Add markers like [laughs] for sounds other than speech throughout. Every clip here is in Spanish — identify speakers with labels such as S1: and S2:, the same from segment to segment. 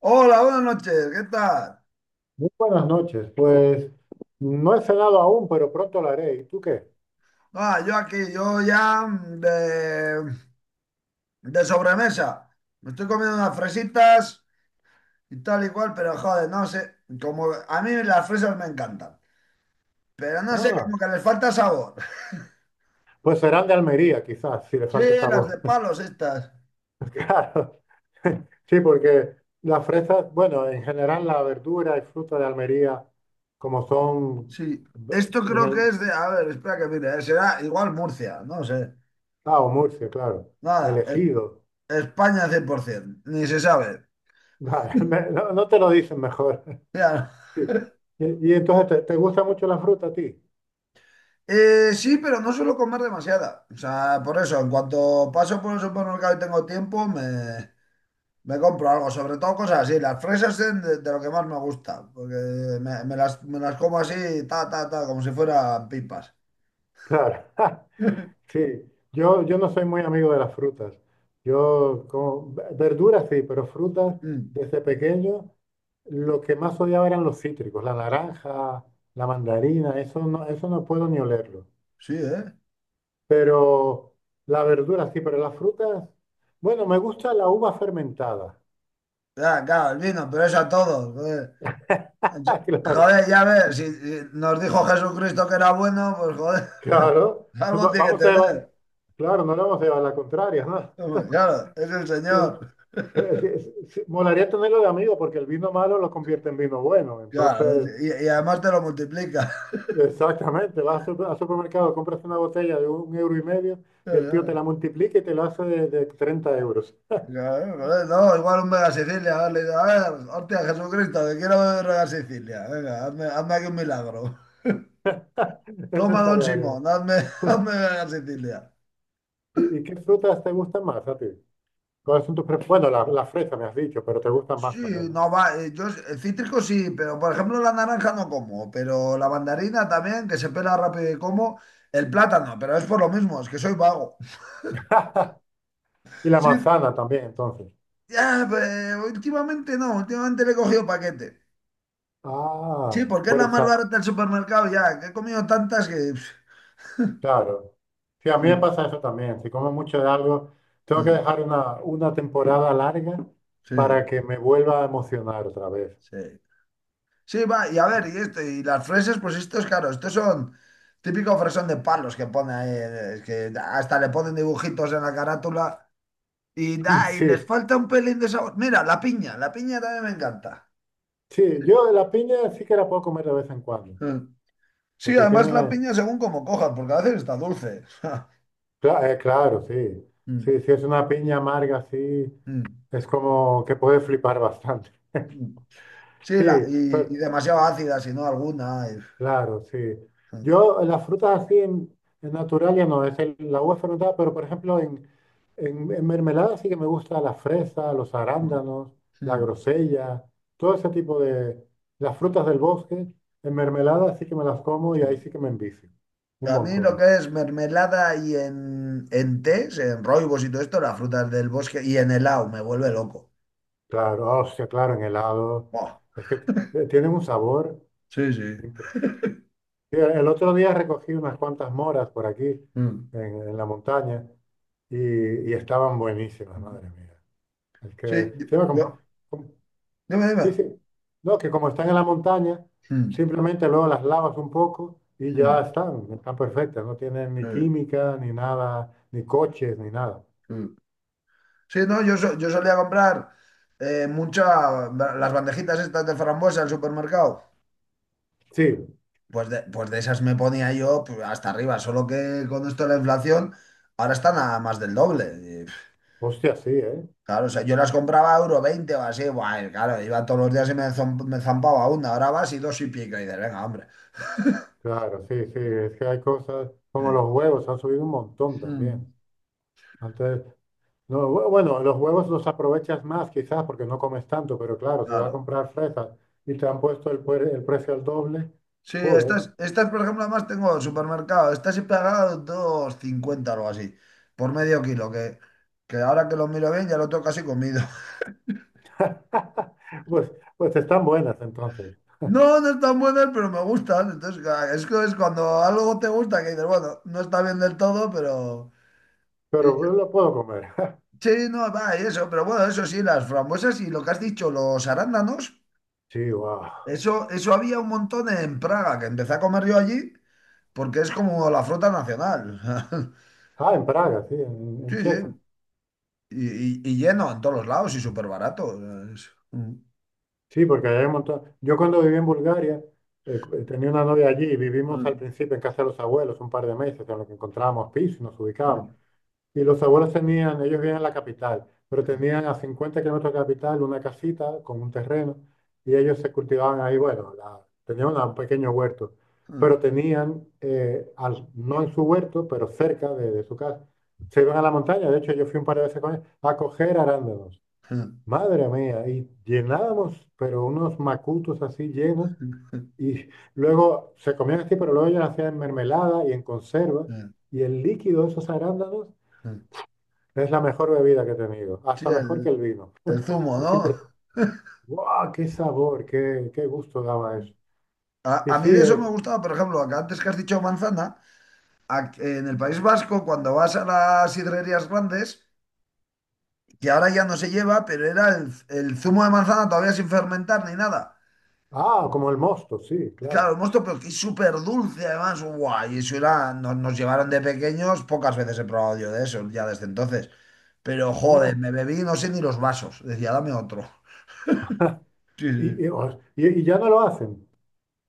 S1: Hola, buenas noches, ¿qué tal?
S2: Muy buenas noches. Pues no he cenado aún, pero pronto lo haré. ¿Y tú qué?
S1: Ah, yo aquí, yo ya de sobremesa. Me estoy comiendo unas fresitas y tal y cual, pero joder, no sé, como a mí las fresas me encantan, pero no sé,
S2: Ah,
S1: como que les falta sabor. [laughs]
S2: pues serán de Almería, quizás, si le
S1: Sí,
S2: falta
S1: las de
S2: sabor.
S1: palos estas.
S2: [laughs] Claro. Sí, porque las fresas, bueno, en general la verdura y fruta de Almería, como son
S1: Sí, esto
S2: en
S1: creo
S2: el...
S1: que es de, a ver, espera que mire, será igual Murcia, no sé.
S2: Ah, o Murcia, claro.
S1: Nada,
S2: Elegido.
S1: España 100%, ni se sabe.
S2: Vale, [laughs] no, no te lo dicen mejor. [laughs]
S1: [laughs]
S2: Sí. Y entonces, ¿te gusta mucho la fruta a ti?
S1: Sí, pero no suelo comer demasiada. O sea, por eso, en cuanto paso por el supermercado y tengo tiempo, me compro algo. Sobre todo cosas así. Las fresas son de lo que más me gusta. Porque me las como así, ta, ta, ta, como si fueran pipas.
S2: Claro. [laughs]
S1: [laughs]
S2: Sí, yo no soy muy amigo de las frutas. Yo como verduras sí, pero frutas
S1: Mm,
S2: desde pequeño lo que más odiaba eran los cítricos, la naranja, la mandarina, eso no puedo ni olerlo.
S1: sí, ¿eh?
S2: Pero la verdura sí, pero las frutas, bueno, me gusta la uva fermentada.
S1: Ya, claro, el vino, pero eso a todos. Joder,
S2: [laughs] Ah, claro,
S1: Joder, ya ves, si nos dijo Jesucristo que era bueno, pues joder,
S2: claro.
S1: [laughs] algo
S2: Va-
S1: tiene que
S2: Vamos a llevar,
S1: tener.
S2: claro, no le vamos a llevar la contraria, ¿no?
S1: Hombre, claro, es el Señor.
S2: [laughs] Sí, sí, sí, molaría tenerlo de amigo porque el vino malo lo convierte en vino bueno,
S1: Claro,
S2: entonces.
S1: y, además te lo multiplica.
S2: Exactamente, vas al supermercado, compras una botella de un euro y medio y el tío te
S1: Eh,
S2: la multiplica y te lo hace de 30 euros.
S1: claro, joder, no, igual un Mega Sicilia, a ver, le digo, a ver, hostia, Jesucristo, que quiero beber Mega Sicilia, venga, hazme, hazme aquí un milagro.
S2: [laughs] Eso
S1: Toma, don
S2: estaría bien.
S1: Simón, hazme, [laughs] hazme Mega Sicilia.
S2: ¿Y qué frutas te gustan más a ti? ¿Cuáles son tus? Bueno, la fresa me has dicho, pero te gustan
S1: Sí,
S2: más también, ¿no?
S1: no va, yo cítrico sí, pero por ejemplo la naranja no como, pero la mandarina también, que se pela rápido y como, el plátano, pero es por lo mismo, es que soy vago. [laughs]
S2: [laughs] Y la
S1: Sí,
S2: manzana también, entonces.
S1: ya, pues, últimamente no, últimamente le he cogido paquete. Sí,
S2: Ah,
S1: porque es la más barata del supermercado ya, que he comido tantas que...
S2: claro. Sí, a mí me pasa
S1: [laughs]
S2: eso también. Si como mucho de algo, tengo que dejar una temporada larga
S1: Sí,
S2: para que me vuelva a emocionar otra vez.
S1: sí. Sí, va, y a ver, y esto, y las fresas pues estos, claro, estos son típico fresón de palos que pone ahí, es que hasta le ponen dibujitos en la carátula y,
S2: [laughs]
S1: da, y les
S2: Sí.
S1: falta un pelín de sabor. Mira, la piña también me encanta.
S2: Sí, yo la piña sí que la puedo comer de vez en cuando,
S1: Mm. Sí,
S2: porque
S1: además la
S2: tiene,
S1: piña según como cojas, porque a veces está dulce. [laughs]
S2: claro, sí,
S1: Mm,
S2: sí, si es una piña amarga, sí,
S1: mm,
S2: es como que puede flipar bastante. [laughs]
S1: mm. Sí,
S2: Sí,
S1: y
S2: pero,
S1: demasiado ácida, si no alguna.
S2: claro, sí. Yo las frutas así en, natural ya no, es la uva fermentada, pero por ejemplo en mermelada sí que me gusta la fresa, los
S1: Mm,
S2: arándanos, la
S1: mm,
S2: grosella, todo ese tipo de, las frutas del bosque, en mermelada sí que me las como y ahí
S1: sí.
S2: sí que me envicio, un
S1: A mí lo
S2: montón.
S1: que es mermelada y en tés, en roibos y todo esto, las frutas del bosque y en helado, me vuelve loco.
S2: Claro, oh, hostia, claro, en helado.
S1: Buah.
S2: Es que tienen un sabor.
S1: Sí, sí.
S2: impre- Mira, el otro día recogí unas cuantas moras por aquí,
S1: Mm.
S2: en, la montaña, y, y estaban buenísimas,
S1: Mm.
S2: madre mía. Es
S1: Sí,
S2: que, sí, va
S1: yo.
S2: como-
S1: Dime,
S2: sí,
S1: dime.
S2: sí. No, que como están en la montaña,
S1: Mm,
S2: simplemente luego las lavas un poco y ya
S1: mm,
S2: están perfectas. No tienen ni
S1: sí,
S2: química, ni nada, ni coches, ni nada.
S1: sí. Sí, no, yo solía comprar mucha, las bandejitas estas de frambuesa al supermercado.
S2: Sí,
S1: Pues de esas me ponía yo pues, hasta arriba, solo que con esto de la inflación, ahora están a más del doble.
S2: hostia, sí, ¿eh?
S1: Claro, o sea, yo las compraba a 1,20 € o así, guay, claro, iba todos los días y me zampaba una, ahora vas y dos y pico, y dices, venga, hombre. [laughs]
S2: Claro, sí, sí, es que hay cosas como
S1: Sí.
S2: los huevos, han subido un montón también.
S1: Mm,
S2: Antes, no, bueno, los huevos los aprovechas más quizás porque no comes tanto, pero claro, si vas a
S1: claro.
S2: comprar fresas y te han puesto el precio al doble,
S1: Sí,
S2: joder,
S1: estas, por ejemplo, además tengo el supermercado, estas he pagado 2,50 o algo así, por medio kilo, que ahora que lo miro bien ya lo tengo casi comido. [laughs]
S2: [laughs] pues, pues están buenas entonces,
S1: No, no están buenas, pero me gustan, entonces ca- es que es cuando algo te gusta que dices, bueno, no está bien del todo, pero...
S2: pero lo puedo comer. [laughs]
S1: Sí, no, va, y eso, pero bueno, eso sí, las frambuesas y lo que has dicho, los arándanos.
S2: Sí, wow.
S1: Eso había un montón en Praga, que empecé a comer yo allí, porque es como la fruta nacional. [laughs]
S2: Ah, en Praga, sí, en,
S1: Sí,
S2: en Checa.
S1: sí. Y lleno en todos los lados y súper barato. [laughs]
S2: Sí, porque allá hay un montón. Yo cuando viví en Bulgaria, tenía una novia allí y vivimos al principio en casa de los abuelos un par de meses, en lo que encontrábamos piso y nos ubicábamos. Y los abuelos tenían, ellos vivían en la capital, pero tenían a 50 kilómetros de la capital una casita con un terreno y ellos se cultivaban ahí, bueno, tenían un pequeño huerto, pero tenían, no en su huerto, pero cerca de su casa, se iban a la montaña, de hecho yo fui un par de veces con ellos, a coger arándanos. Madre mía, y llenábamos, pero unos macutos así llenos, y [laughs] luego se comían así, pero luego ellos hacían en mermelada y en conserva, y el líquido de esos arándanos es la mejor bebida que he tenido,
S1: Sí,
S2: hasta mejor que
S1: el,
S2: el vino.
S1: el zumo,
S2: Es
S1: ¿no?
S2: impresionante. ¡Wow! ¡Qué sabor! ¡Qué gusto daba eso!
S1: [laughs]
S2: Y
S1: A mí
S2: sí,
S1: de eso me gustaba, por ejemplo, que antes que has dicho manzana, en el País Vasco, cuando vas a las sidrerías grandes, que ahora ya no se lleva, pero era el zumo de manzana todavía sin fermentar ni nada.
S2: como el mosto, sí,
S1: Claro,
S2: claro.
S1: el mosto, pero que es súper dulce además. Guay, eso era, nos llevaron de pequeños, pocas veces he probado yo de eso, ya desde entonces. Pero joder,
S2: Oh,
S1: me bebí no sé ni los vasos. Decía, dame otro. Sí,
S2: y, y,
S1: sí.
S2: os- y- y ya no lo hacen.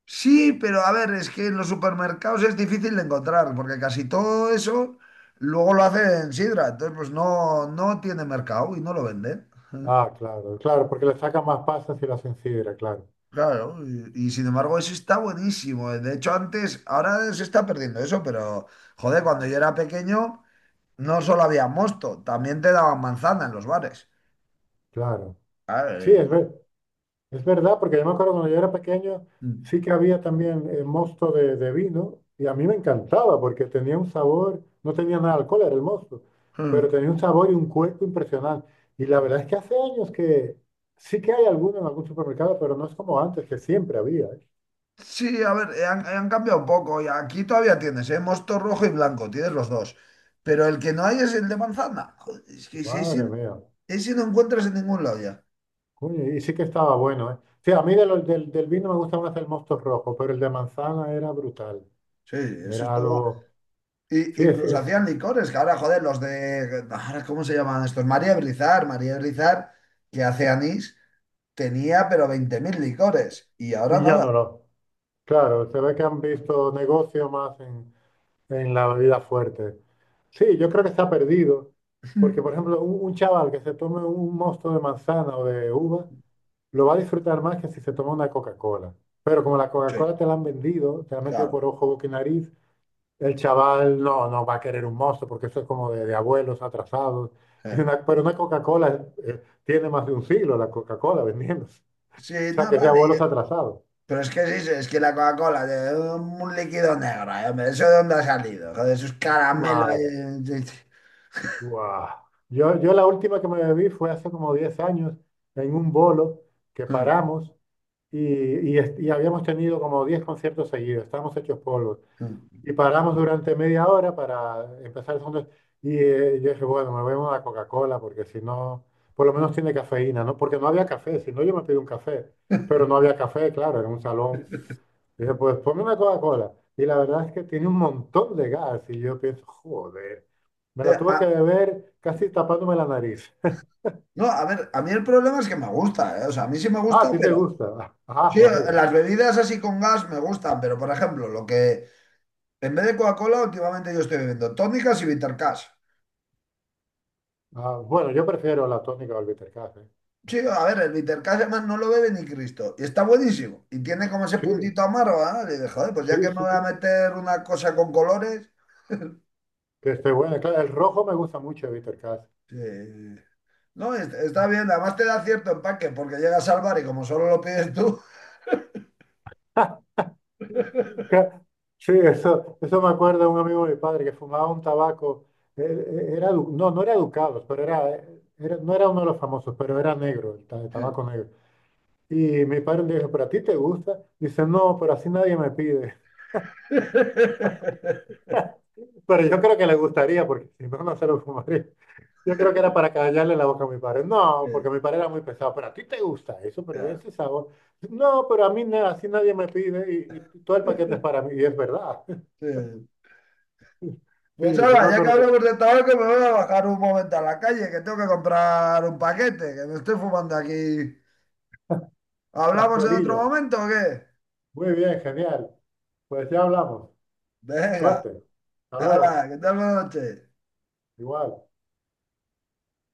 S1: Sí, pero a ver, es que en los supermercados es difícil de encontrar, porque casi todo eso luego lo hacen sidra. Entonces, pues no, no tiene mercado y no lo venden. [laughs]
S2: Ah, claro, claro, porque le sacan más pasas y lo hacen sidra, claro,
S1: Claro, y sin embargo eso está buenísimo. De hecho, antes, ahora se está perdiendo eso, pero joder, cuando yo era pequeño... No solo había mosto, también te daban manzana en los bares.
S2: claro. Sí, es
S1: Ay.
S2: verdad. Es verdad, porque yo me acuerdo cuando yo era pequeño,
S1: Mm.
S2: sí que había también mosto de vino y a mí me encantaba porque tenía un sabor, no tenía nada de alcohol, era el mosto, pero tenía un sabor y un cuerpo impresionante. Y la verdad es que hace años que sí que hay alguno en algún supermercado, pero no es como antes, que siempre había, ¿eh?
S1: Sí, a ver, han cambiado un poco. Y aquí todavía tienes, ¿eh? Mosto rojo y blanco, tienes los dos. Pero el que no hay es el de manzana. Joder, es que si ese,
S2: Madre mía,
S1: ese no encuentras en ningún lado ya.
S2: coño, y sí que estaba bueno, ¿eh? Sí, a mí de del vino me gusta más el mosto rojo, pero el de manzana era brutal,
S1: Sí, eso
S2: era
S1: estaba.
S2: algo,
S1: Y
S2: sí,
S1: incluso hacían licores, que ahora, joder, los de. Ahora, ¿cómo se llaman estos? María Brizar, María Brizar, que hace anís, tenía pero 20.000 licores. Y ahora
S2: y ya
S1: nada.
S2: no lo. Claro, se ve que han visto negocio más en la bebida fuerte. Sí, yo creo que está perdido, porque por
S1: [laughs]
S2: ejemplo, un chaval que se tome un mosto de manzana o de uva, lo va a disfrutar más que si se toma una Coca-Cola. Pero como la Coca-Cola
S1: Sí,
S2: te la han vendido, te la han metido
S1: claro.
S2: por ojo, boca y nariz, el chaval no va a querer un mosto, porque eso es como de abuelos atrasados.
S1: Sí,
S2: Pero una Coca-Cola tiene más de un siglo la Coca-Cola vendiéndose.
S1: sí,
S2: O sea,
S1: no,
S2: que es de
S1: vale.
S2: abuelos atrasados.
S1: Pero es que sí, sí, es que la Coca-Cola, de un líquido negro, hombre, ¿eso de dónde ha salido? Joder, esos caramelos. Ahí,
S2: Madre. Guau. Yo la última que me bebí fue hace como 10 años en un bolo que paramos y, y habíamos tenido como 10 conciertos seguidos, estábamos hechos polvos.
S1: eh,
S2: Y paramos durante media hora para empezar el segundo. Y yo dije, bueno, me voy a una Coca-Cola porque si no, por lo menos tiene cafeína, ¿no? Porque no había café, si no yo me pido un café. Pero no había café, claro, en un salón. Dije, pues ponme una Coca-Cola. Y la verdad es que tiene un montón de gas. Y yo pienso, joder, me la
S1: eh,
S2: tuve que
S1: ah,
S2: beber casi tapándome la nariz. [laughs]
S1: no, a ver, a mí el problema es que me gusta, o sea, a mí sí me
S2: Ah,
S1: gusta,
S2: ¿a ti te
S1: pero...
S2: gusta? [laughs] Ah,
S1: Sí,
S2: vaya.
S1: las bebidas así con gas me gustan, pero por ejemplo, lo que... En vez de Coca-Cola, últimamente yo estoy bebiendo tónicas y Bitter Cash.
S2: Ah, bueno, yo prefiero la tónica o el bitter café.
S1: Sí, a ver, el Bitter Cash además no lo bebe ni Cristo. Y está buenísimo. Y tiene como ese
S2: Sí,
S1: puntito amargo, ¿eh? Y dije, joder, pues ya que me
S2: sí, sí,
S1: voy a meter una cosa con colores...
S2: que esté buena. Claro, el rojo me gusta mucho el bitter café.
S1: Sí, sí. No, está bien, además te da cierto empaque porque llegas al bar y como solo lo pides tú.
S2: Ca- Sí, eso me acuerda un amigo de mi padre que fumaba un tabaco. Él era, no, no era Ducados, pero no era uno de los famosos, pero era negro, el tabaco negro. Y mi padre le dijo, ¿pero a ti te gusta? Dice, no, pero así nadie me pide.
S1: [laughs]
S2: [laughs] Pero yo creo que le gustaría, porque si no, no se lo fumaría. Yo creo que era para callarle la boca a mi padre.
S1: Sí,
S2: No, porque mi padre era muy pesado, pero a ti te gusta eso, pero
S1: ya,
S2: ese sabor. No, pero a mí así nadie me pide y todo el paquete es para mí. Y es verdad. [laughs]
S1: sí.
S2: Sí,
S1: Pues
S2: no
S1: ahora,
S2: me
S1: ya que
S2: acuerdo que
S1: hablamos de tabaco, me voy a bajar un momento a la calle, que tengo que comprar un paquete, que me estoy fumando aquí.
S2: las
S1: ¿Hablamos en otro
S2: colillas.
S1: momento o qué?
S2: Muy bien, genial. Pues ya hablamos.
S1: Venga,
S2: Suerte. Hasta
S1: hala,
S2: luego.
S1: que tal buena noche.
S2: Igual.